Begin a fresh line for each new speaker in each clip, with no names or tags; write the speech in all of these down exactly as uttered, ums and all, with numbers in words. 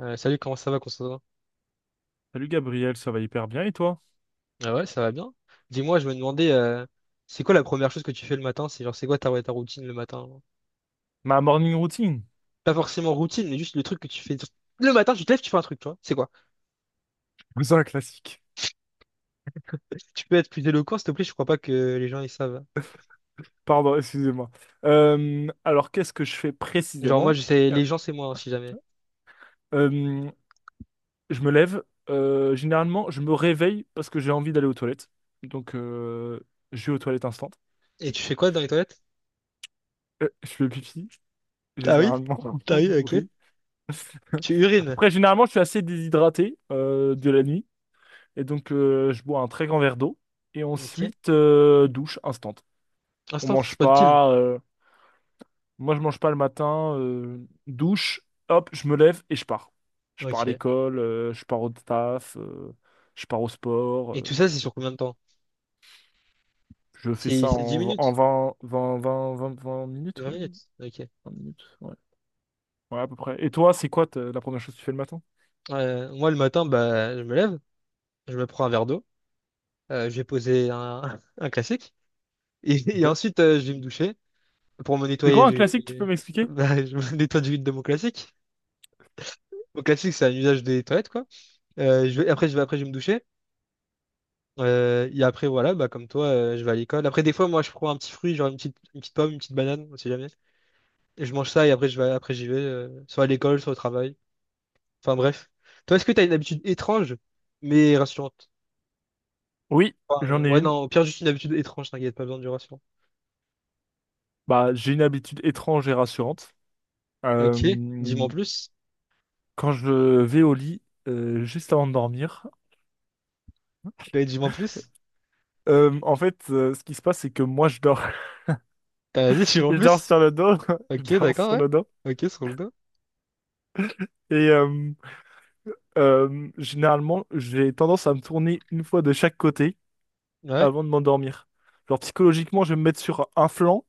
Euh, salut, comment ça va, Constantin?
Salut Gabriel, ça va hyper bien et toi?
Ah ouais, ça va bien. Dis-moi, je me demandais, euh, c'est quoi la première chose que tu fais le matin? C'est genre, c'est quoi ta, ouais, ta routine le matin, genre?
Ma morning routine.
Pas forcément routine, mais juste le truc que tu fais. Le matin, tu te lèves, tu fais un truc, tu vois. C'est quoi?
C'est un classique.
Tu peux être plus éloquent, s'il te plaît, je crois pas que les gens, ils savent.
Pardon, excusez-moi. Euh, alors, qu'est-ce que je fais
Genre, moi,
précisément?
je sais,
Euh,
les gens, c'est moi, hein, si jamais.
euh, je me lève. Euh, généralement, je me réveille parce que j'ai envie d'aller aux toilettes. Donc, euh, je vais aux toilettes instant.
Et tu fais quoi dans les toilettes?
Euh, je fais pipi,
Ah oui?
généralement.
Ah oui, ok.
Oui.
Tu urines.
Après, généralement, je suis assez déshydraté euh, de la nuit. Et donc, euh, je bois un très grand verre d'eau. Et
Ok.
ensuite, euh, douche instant. On
Instant,
mange
spawn-kill.
pas. euh, Moi, je mange pas le matin, euh, douche, hop, je me lève et je pars. Je pars à
Ok.
l'école, euh, je pars au taf, euh, je pars au sport.
Et tout
Euh,
ça, c'est sur combien de temps?
je fais
C'est
ça
c'est dix
en, en
minutes?
vingt vingt vingt vingt 20 minutes,
vingt
ouais.
minutes? Ok.
Vingt minutes, ouais. Ouais, à peu près. Et toi, c'est quoi ta- la première chose que tu fais le matin?
Euh, moi, le matin, bah, je me lève, je me prends un verre d'eau. Euh, je vais poser un, un classique. Et, et
Ok.
ensuite, euh, je vais me doucher pour me
C'est
nettoyer
quoi un
du.
classique, tu peux m'expliquer?
Bah, je me nettoie du de mon classique. Mon classique, c'est un usage des toilettes, quoi. Euh, je vais- après, je vais, après, je vais me doucher. Euh, et après, voilà, bah, comme toi, euh, je vais à l'école. Après, des fois, moi, je prends un petit fruit, genre une petite, une petite pomme, une petite banane, on sait jamais. Et je mange ça et après, je vais, après, j'y vais, euh, soit à l'école, soit au travail. Enfin, bref. Toi, est-ce que tu as une habitude étrange, mais rassurante?
Oui,
Enfin, euh,
j'en ai
ouais,
une.
non, au pire, juste une habitude étrange, t'inquiète, pas besoin du rassurant.
Bah, j'ai une habitude étrange et rassurante.
Ok, dis-moi en
Euh,
plus.
Quand je vais au lit, euh, juste avant de dormir,
Ouais, dis-moi en plus.
euh, en fait, euh, ce qui se passe, c'est que moi, je dors,
T'as la suis en
je dors
plus?
sur le dos, je
Ok,
dors
d'accord,
sur
ouais.
le dos,
Ok, sur le dos.
et euh, Euh, généralement, j'ai tendance à me tourner une fois de chaque côté
Ouais.
avant de m'endormir. Genre psychologiquement, je vais me mettre sur un flanc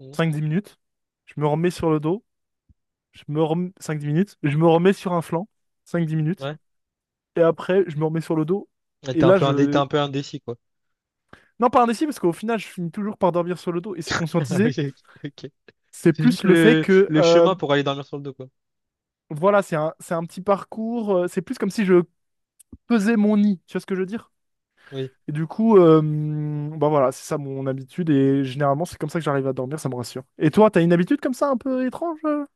Mm.
cinq dix minutes, je me remets sur le dos, je me rem... cinq dix minutes, je me remets sur un flanc cinq dix minutes,
Ouais.
et après, je me remets sur le dos,
Ouais,
et
T'es un
là,
peu indé- t'es
je...
un peu indécis, quoi.
Non, pas un indécis, parce qu'au final, je finis toujours par dormir sur le dos, et c'est conscientisé.
Ok, ok. Ok.
C'est
C'est juste
plus le fait
le,
que,
le
euh,
chemin pour aller dormir sur le dos, quoi.
voilà, c'est un, c'est un petit parcours, euh, c'est plus comme si je pesais mon nid, tu vois ce que je veux dire?
Oui.
Et du coup, euh, bah voilà, c'est ça mon habitude et généralement c'est comme ça que j'arrive à dormir, ça me rassure. Et toi, t'as une habitude comme ça un peu étrange euh,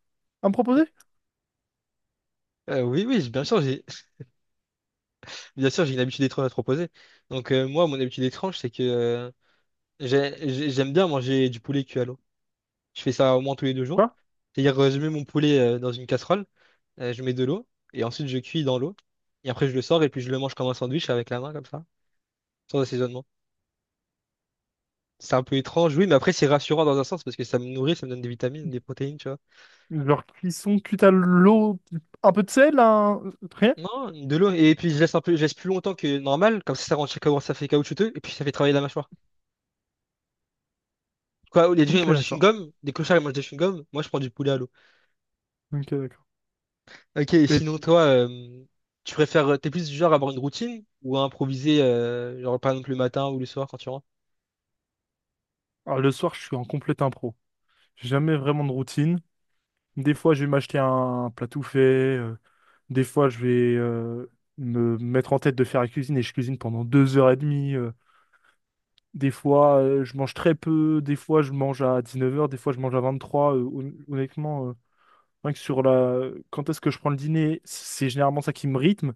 à me proposer?
Euh, oui, oui, j'ai- bien sûr, j'ai bien sûr, j'ai une habitude étrange à te proposer. Donc, euh, moi, mon habitude étrange, c'est que euh, j'ai- j'ai- j'aime bien manger du poulet cuit à l'eau. Je fais ça au moins tous les deux jours.
Quoi?
C'est-à-dire, euh, je mets mon poulet euh, dans une casserole, euh, je mets de l'eau, et ensuite je cuis dans l'eau. Et après, je le sors et puis je le mange comme un sandwich avec la main, comme ça, sans assaisonnement. C'est un peu étrange, oui, mais après c'est rassurant dans un sens parce que ça me nourrit, ça me donne des vitamines, des protéines, tu vois.
Genre cuisson cuite à l'eau, un peu de sel, un... rien?
Non, de l'eau. Et puis je laisse un peu, je laisse plus longtemps que normal, comme ça ça rend comment ça fait caoutchouteux, et puis ça fait travailler la mâchoire. Quoi, les gens ils
Ok,
mangent des
d'accord.
chewing-gums, des clochards ils mangent des chewing-gums, moi je prends du poulet à l'eau.
Ok, d'accord.
Ok, et
Et
sinon toi, euh, tu préfères, euh, t'es plus du genre à avoir une routine ou à improviser, euh, genre par exemple le matin ou le soir quand tu rentres?
alors, le soir, je suis en complet impro. J'ai jamais vraiment de routine. Des fois, je vais m'acheter un plat tout fait. euh, Des fois, je vais euh, me mettre en tête de faire la cuisine et je cuisine pendant deux heures et demie. euh. Des fois, euh, je mange très peu. Des fois, je mange à dix neuf heures. Des fois, je mange à vingt trois. Euh, hon- honnêtement, euh, rien que sur la... quand est-ce que je prends le dîner, c'est généralement ça qui me rythme.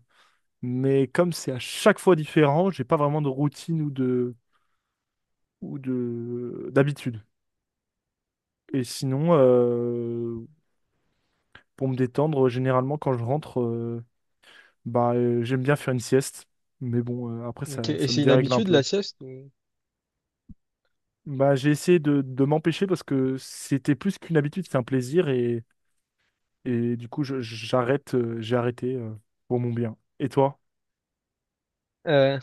Mais comme c'est à chaque fois différent, j'ai pas vraiment de routine ou de ou de d'habitude. Et sinon, euh, pour me détendre, généralement, quand je rentre, euh, bah, euh, j'aime bien faire une sieste. Mais bon, euh, après,
Ok,
ça,
et
ça me
c'est une
dérègle un
habitude la
peu.
sieste ou-
Bah, j'ai essayé de, de m'empêcher parce que c'était plus qu'une habitude, c'est un plaisir et, et du coup, je- j'arrête, euh, j'ai arrêté euh, pour mon bien. Et toi?
Euh,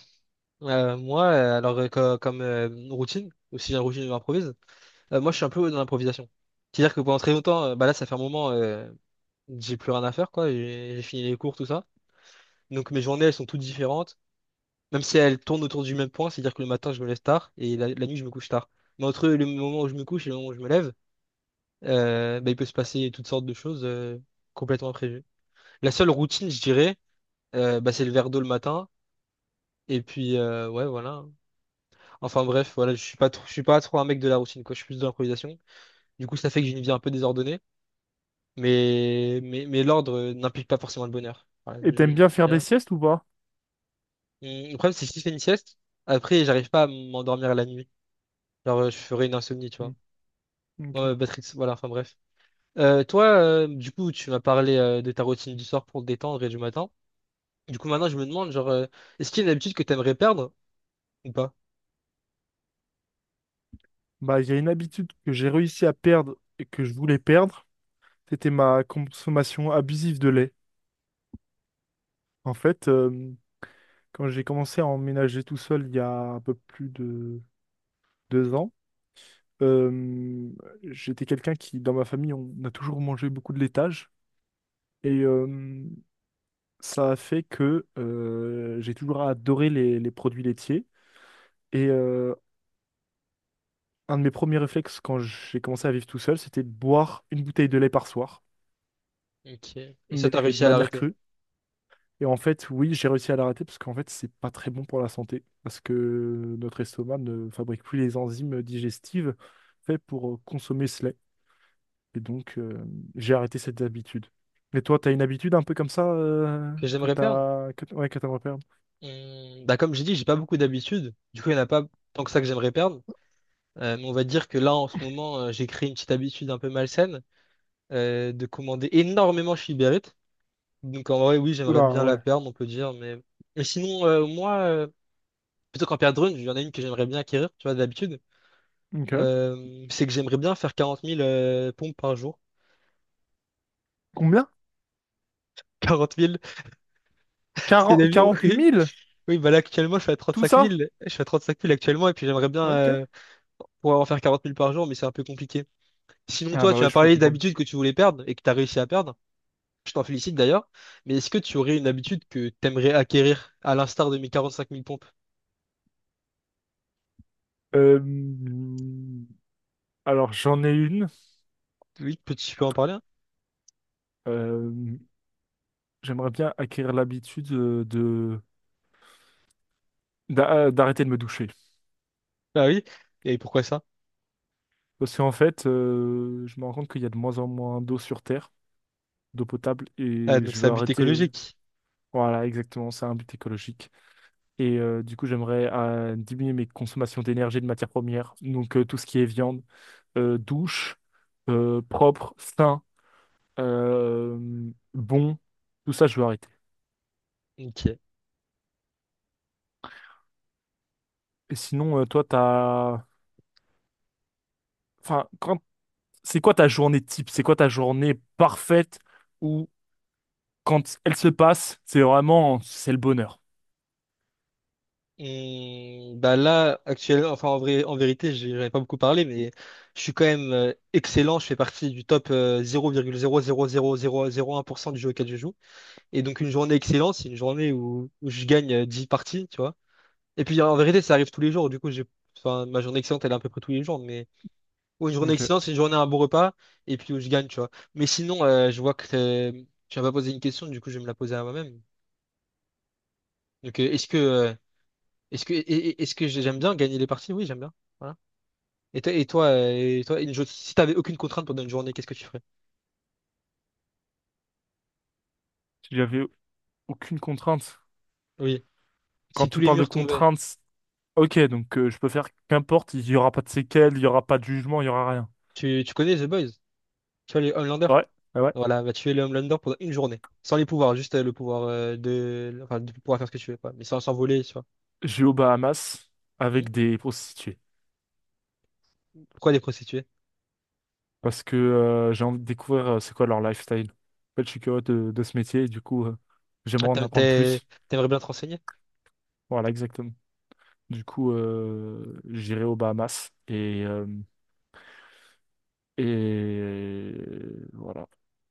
euh, moi, euh, alors euh, co- comme, euh, routine, aussi une routine improvise. Euh, moi, je suis un peu dans l'improvisation. C'est-à-dire que pendant très longtemps, euh, bah là, ça fait un moment, euh, j'ai plus rien à faire, quoi. J'ai j'ai fini les cours, tout ça. Donc mes journées, elles sont toutes différentes. Même si elles tournent autour du même point, c'est-à-dire que le matin, je me lève tard et la, la nuit, je me couche tard. Mais entre le moment où je me couche et le moment où je me lève, euh, bah, il peut se passer toutes sortes de choses, euh, complètement imprévues. La seule routine, je dirais, euh, bah, c'est le verre d'eau le matin. Et puis, euh, ouais, voilà. Enfin bref, voilà, je suis pas trop, je suis pas trop un mec de la routine, quoi. Je suis plus de l'improvisation. Du coup, ça fait que j'ai une vie un peu désordonnée. Mais, mais, mais l'ordre, euh, n'implique pas forcément le bonheur. Voilà,
Et
je-
t'aimes bien faire des
Bien.
siestes ou pas?
Hum, Le problème, c'est que si je fais une sieste, après, j'arrive pas à m'endormir la nuit. Alors, euh, je ferai une insomnie, tu vois.
Hmm, ok.
Ouais, Patrick, voilà, enfin bref. Euh, toi, euh, du coup, tu m'as parlé, euh, de ta routine du soir pour te détendre et du matin. Du coup, maintenant, je me demande, genre, euh, est-ce qu'il y a une habitude que t'aimerais perdre ou pas?
Bah, il y a une habitude que j'ai réussi à perdre et que je voulais perdre, c'était ma consommation abusive de lait. En fait, euh, Quand j'ai commencé à emménager tout seul il y a un peu plus de deux ans, euh, j'étais quelqu'un qui, dans ma famille, on a toujours mangé beaucoup de laitage. Et euh, Ça a fait que euh, j'ai toujours adoré les, les produits laitiers. Et euh, un de mes premiers réflexes quand j'ai commencé à vivre tout seul, c'était de boire une bouteille de lait par soir,
Ok. Et ça,
mais
t'as réussi
de
à
manière
l'arrêter.
crue. Et en fait, oui, j'ai réussi à l'arrêter parce qu'en fait, c'est pas très bon pour la santé. Parce que notre estomac ne fabrique plus les enzymes digestives faites pour euh, consommer ce lait. Et donc, euh, j'ai arrêté cette habitude. Et toi, t'as une habitude un peu comme ça euh,
Que
que
j'aimerais perdre?
t'as... Que... t- Ouais, que t'aimerais perdre.
Hum, bah comme j'ai dit, j'ai pas beaucoup d'habitudes. Du coup, il n'y en a pas tant que ça que j'aimerais perdre. Euh, mais on va dire que là, en ce moment, euh, j'ai créé une petite habitude un peu malsaine, euh, de commander énormément chez Uber Eats. Donc en vrai, oui, j'aimerais
Oula,
bien la
ouais.
perdre, on peut dire. Mais, mais sinon, euh, moi, euh, plutôt qu'en perdre une, il y en a une que j'aimerais bien acquérir, tu vois, d'habitude.
Ok.
Euh, c'est que j'aimerais bien faire quarante mille, euh, pompes par jour.
Combien?
quarante mille, c'est la
Quarante,
vie,
quarante
oui.
mille.
Oui, bah là, actuellement, je fais à
Tout
35
ça?
000. Je fais à trente-cinq mille actuellement, et puis j'aimerais bien,
Ok.
euh, pouvoir en faire quarante mille par jour, mais c'est un peu compliqué. Sinon,
Ah
toi,
bah
tu
ouais,
as
je peux
parlé
comprendre.
d'habitudes que tu voulais perdre et que tu as réussi à perdre. Je t'en félicite d'ailleurs. Mais est-ce que tu aurais une habitude que tu aimerais acquérir, à l'instar de mes quarante-cinq mille pompes?
Euh, Alors, j'en ai une.
Oui, peux-tu peux en parler, hein?
Euh, J'aimerais bien acquérir l'habitude euh, de... d'a- euh, d'arrêter de me doucher.
Ah oui. Et pourquoi ça?
Parce qu'en fait, euh, je me rends compte qu'il y a de moins en moins d'eau sur Terre, d'eau potable,
Ah,
et
donc
je
c'est
veux
un but
arrêter. euh,
écologique.
Voilà, exactement, c'est un but écologique. Et euh, du coup, j'aimerais euh, diminuer mes consommations d'énergie et de matières premières. Donc, euh, tout ce qui est viande, euh, douche, euh, propre, sain, euh, bon, tout ça, je veux arrêter.
Ok.
Et sinon, euh, toi, t'as... Enfin, quand... c'est quoi ta journée type? C'est quoi ta journée parfaite où, quand elle se passe, c'est vraiment... c'est le bonheur?
Hum, bah là, actuellement, enfin en vrai, en vérité, j'en ai pas beaucoup parlé, mais je suis quand même, euh, excellent. Je fais partie du top, euh, zéro virgule zéro zéro zéro zéro un pour cent du jeu auquel je joue. Et donc une journée excellente, c'est une journée où, où je gagne, euh, dix parties, tu vois. Et puis en vérité, ça arrive tous les jours. Du coup, j'ai enfin, ma journée excellente, elle est à peu près tous les jours. Mais ouais, une journée
Ok.
excellente, c'est une journée à un bon repas et puis où je gagne, tu vois. Mais sinon, euh, je vois que, euh, tu m'as pas posé une question, du coup, je vais me la poser à moi-même. Donc, euh, est-ce que, euh, est-ce que, et- et- est-ce que j'aime bien gagner les parties? Oui, j'aime bien. Voilà. Et toi, et toi, euh, et toi, une jo- si t'avais aucune contrainte pendant une journée, qu'est-ce que tu ferais?
J'avais aucune contrainte.
Oui.
Quand
Si tous
tu
les
parles de
murs tombaient,
contraintes, ok, donc euh, je peux faire qu'importe, il n'y aura pas de séquelles, il n'y aura pas de jugement, il n'y aura rien.
tu, tu connais The Boys? Tu vois les Homelanders?
Ouais, ah ouais.
Voilà, va tuer les Homelanders pendant une journée. Sans les pouvoirs, juste euh, le pouvoir, euh, de, enfin, de pouvoir faire ce que tu veux, quoi. Mais sans s'envoler, tu vois.
J'ai aux Bahamas
Hmm?
avec des prostituées.
Pourquoi des prostituées?
Parce que euh, j'ai envie de découvrir euh, c'est quoi leur lifestyle. En fait, je suis curieux de, de ce métier et du coup, euh,
Ah,
j'aimerais en
t'aimes-
apprendre
t'es-
plus.
t'aimerais bien te renseigner?
Voilà, exactement. Du coup, euh, j'irai aux Bahamas et, euh, et voilà.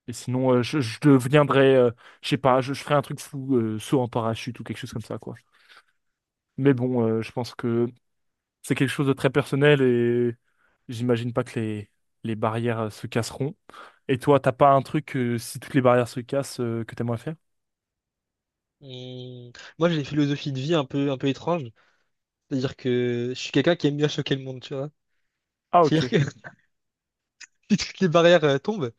Et sinon, euh, je, je deviendrai, euh, je sais pas, je, je ferai un truc fou, euh, saut en parachute ou quelque chose comme ça, quoi. Mais bon, euh, je pense que c'est quelque chose de très personnel et j'imagine pas que les, les barrières euh, se casseront. Et toi, t'as pas un truc, euh, si toutes les barrières se cassent, euh, que t'aimerais faire?
Hmm, Moi, j'ai une philosophie de vie un peu, un peu étrange. C'est-à-dire que je suis quelqu'un qui aime bien choquer le monde, tu vois.
Ah, ok.
C'est-à-dire que si toutes les barrières, euh, tombent,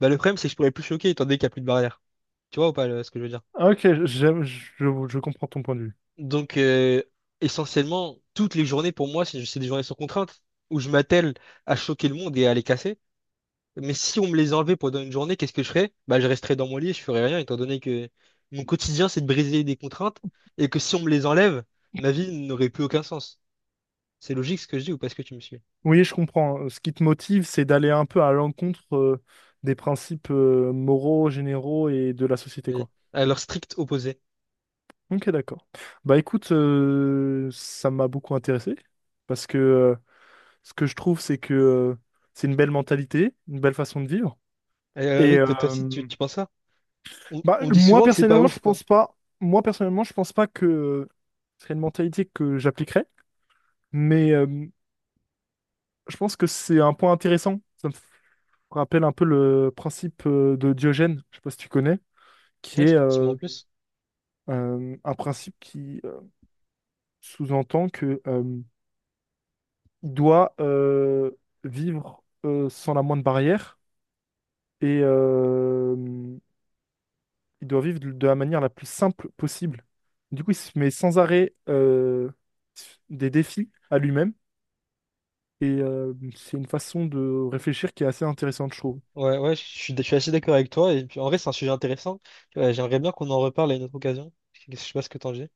bah, le problème, c'est que je pourrais plus choquer étant donné qu'il n'y a plus de barrières. Tu vois ou pas le- ce que je veux dire?
Ah, ok, j'aime- je, je comprends ton point de vue.
Donc, euh, essentiellement, toutes les journées, pour moi, c'est c'est des journées sans contrainte où je m'attelle à choquer le monde et à les casser. Mais si on me les enlevait pendant une journée, qu'est-ce que je ferais? Bah, je resterais dans mon lit, je ferais rien, étant donné que mon quotidien, c'est de briser des contraintes et que si on me les enlève, ma vie n'aurait plus aucun sens. C'est logique ce que je dis ou pas, ce que tu me suis?
Oui, je comprends. Euh, Ce qui te motive, c'est d'aller un peu à l'encontre euh, des principes euh, moraux, généraux et de la société,
Oui.
quoi.
À leur strict opposé.
Ok, d'accord. Bah écoute, euh, ça m'a beaucoup intéressé parce que euh, ce que je trouve, c'est que euh, c'est une belle mentalité, une belle façon de vivre.
Euh,
Et
oui, toi, toi aussi, tu,
euh,
tu penses ça? On,
Bah,
on me dit
moi
souvent que c'est pas
personnellement, je
ouf, quoi.
pense pas. Moi personnellement, je pense pas que euh, ce serait une mentalité que j'appliquerais, mais euh, je pense que c'est un point intéressant. Qu'on rappelle un peu le principe euh, de Diogène, je sais pas si tu connais, qui
Ouais,
est
effectivement, en
euh,
plus.
euh, un principe qui euh, sous-entend que euh, il doit euh, vivre euh, sans la moindre barrière et euh, il doit vivre de de la manière la plus simple possible. Du coup, il se met sans arrêt euh, des défis à lui-même et euh, c'est une façon de réfléchir qui est assez intéressante, je trouve.
Ouais, ouais, je suis, je suis assez d'accord avec toi. Et puis, en vrai, c'est un sujet intéressant. Ouais, j'aimerais bien qu'on en reparle à une autre occasion. Je sais pas ce que t'en dis.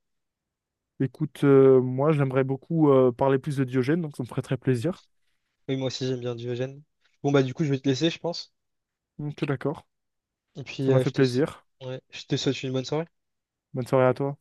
Écoute, euh, moi j'aimerais beaucoup euh, parler plus de Diogène, donc ça me ferait très plaisir.
Oui, moi aussi, j'aime bien Diogène. Bon, bah, du coup, je vais te laisser, je pense.
Donc, d'accord.
Et puis,
Ça m'a
euh,
fait
je te... s-
plaisir.
ouais, je te souhaite une bonne soirée.
Bonne soirée à toi.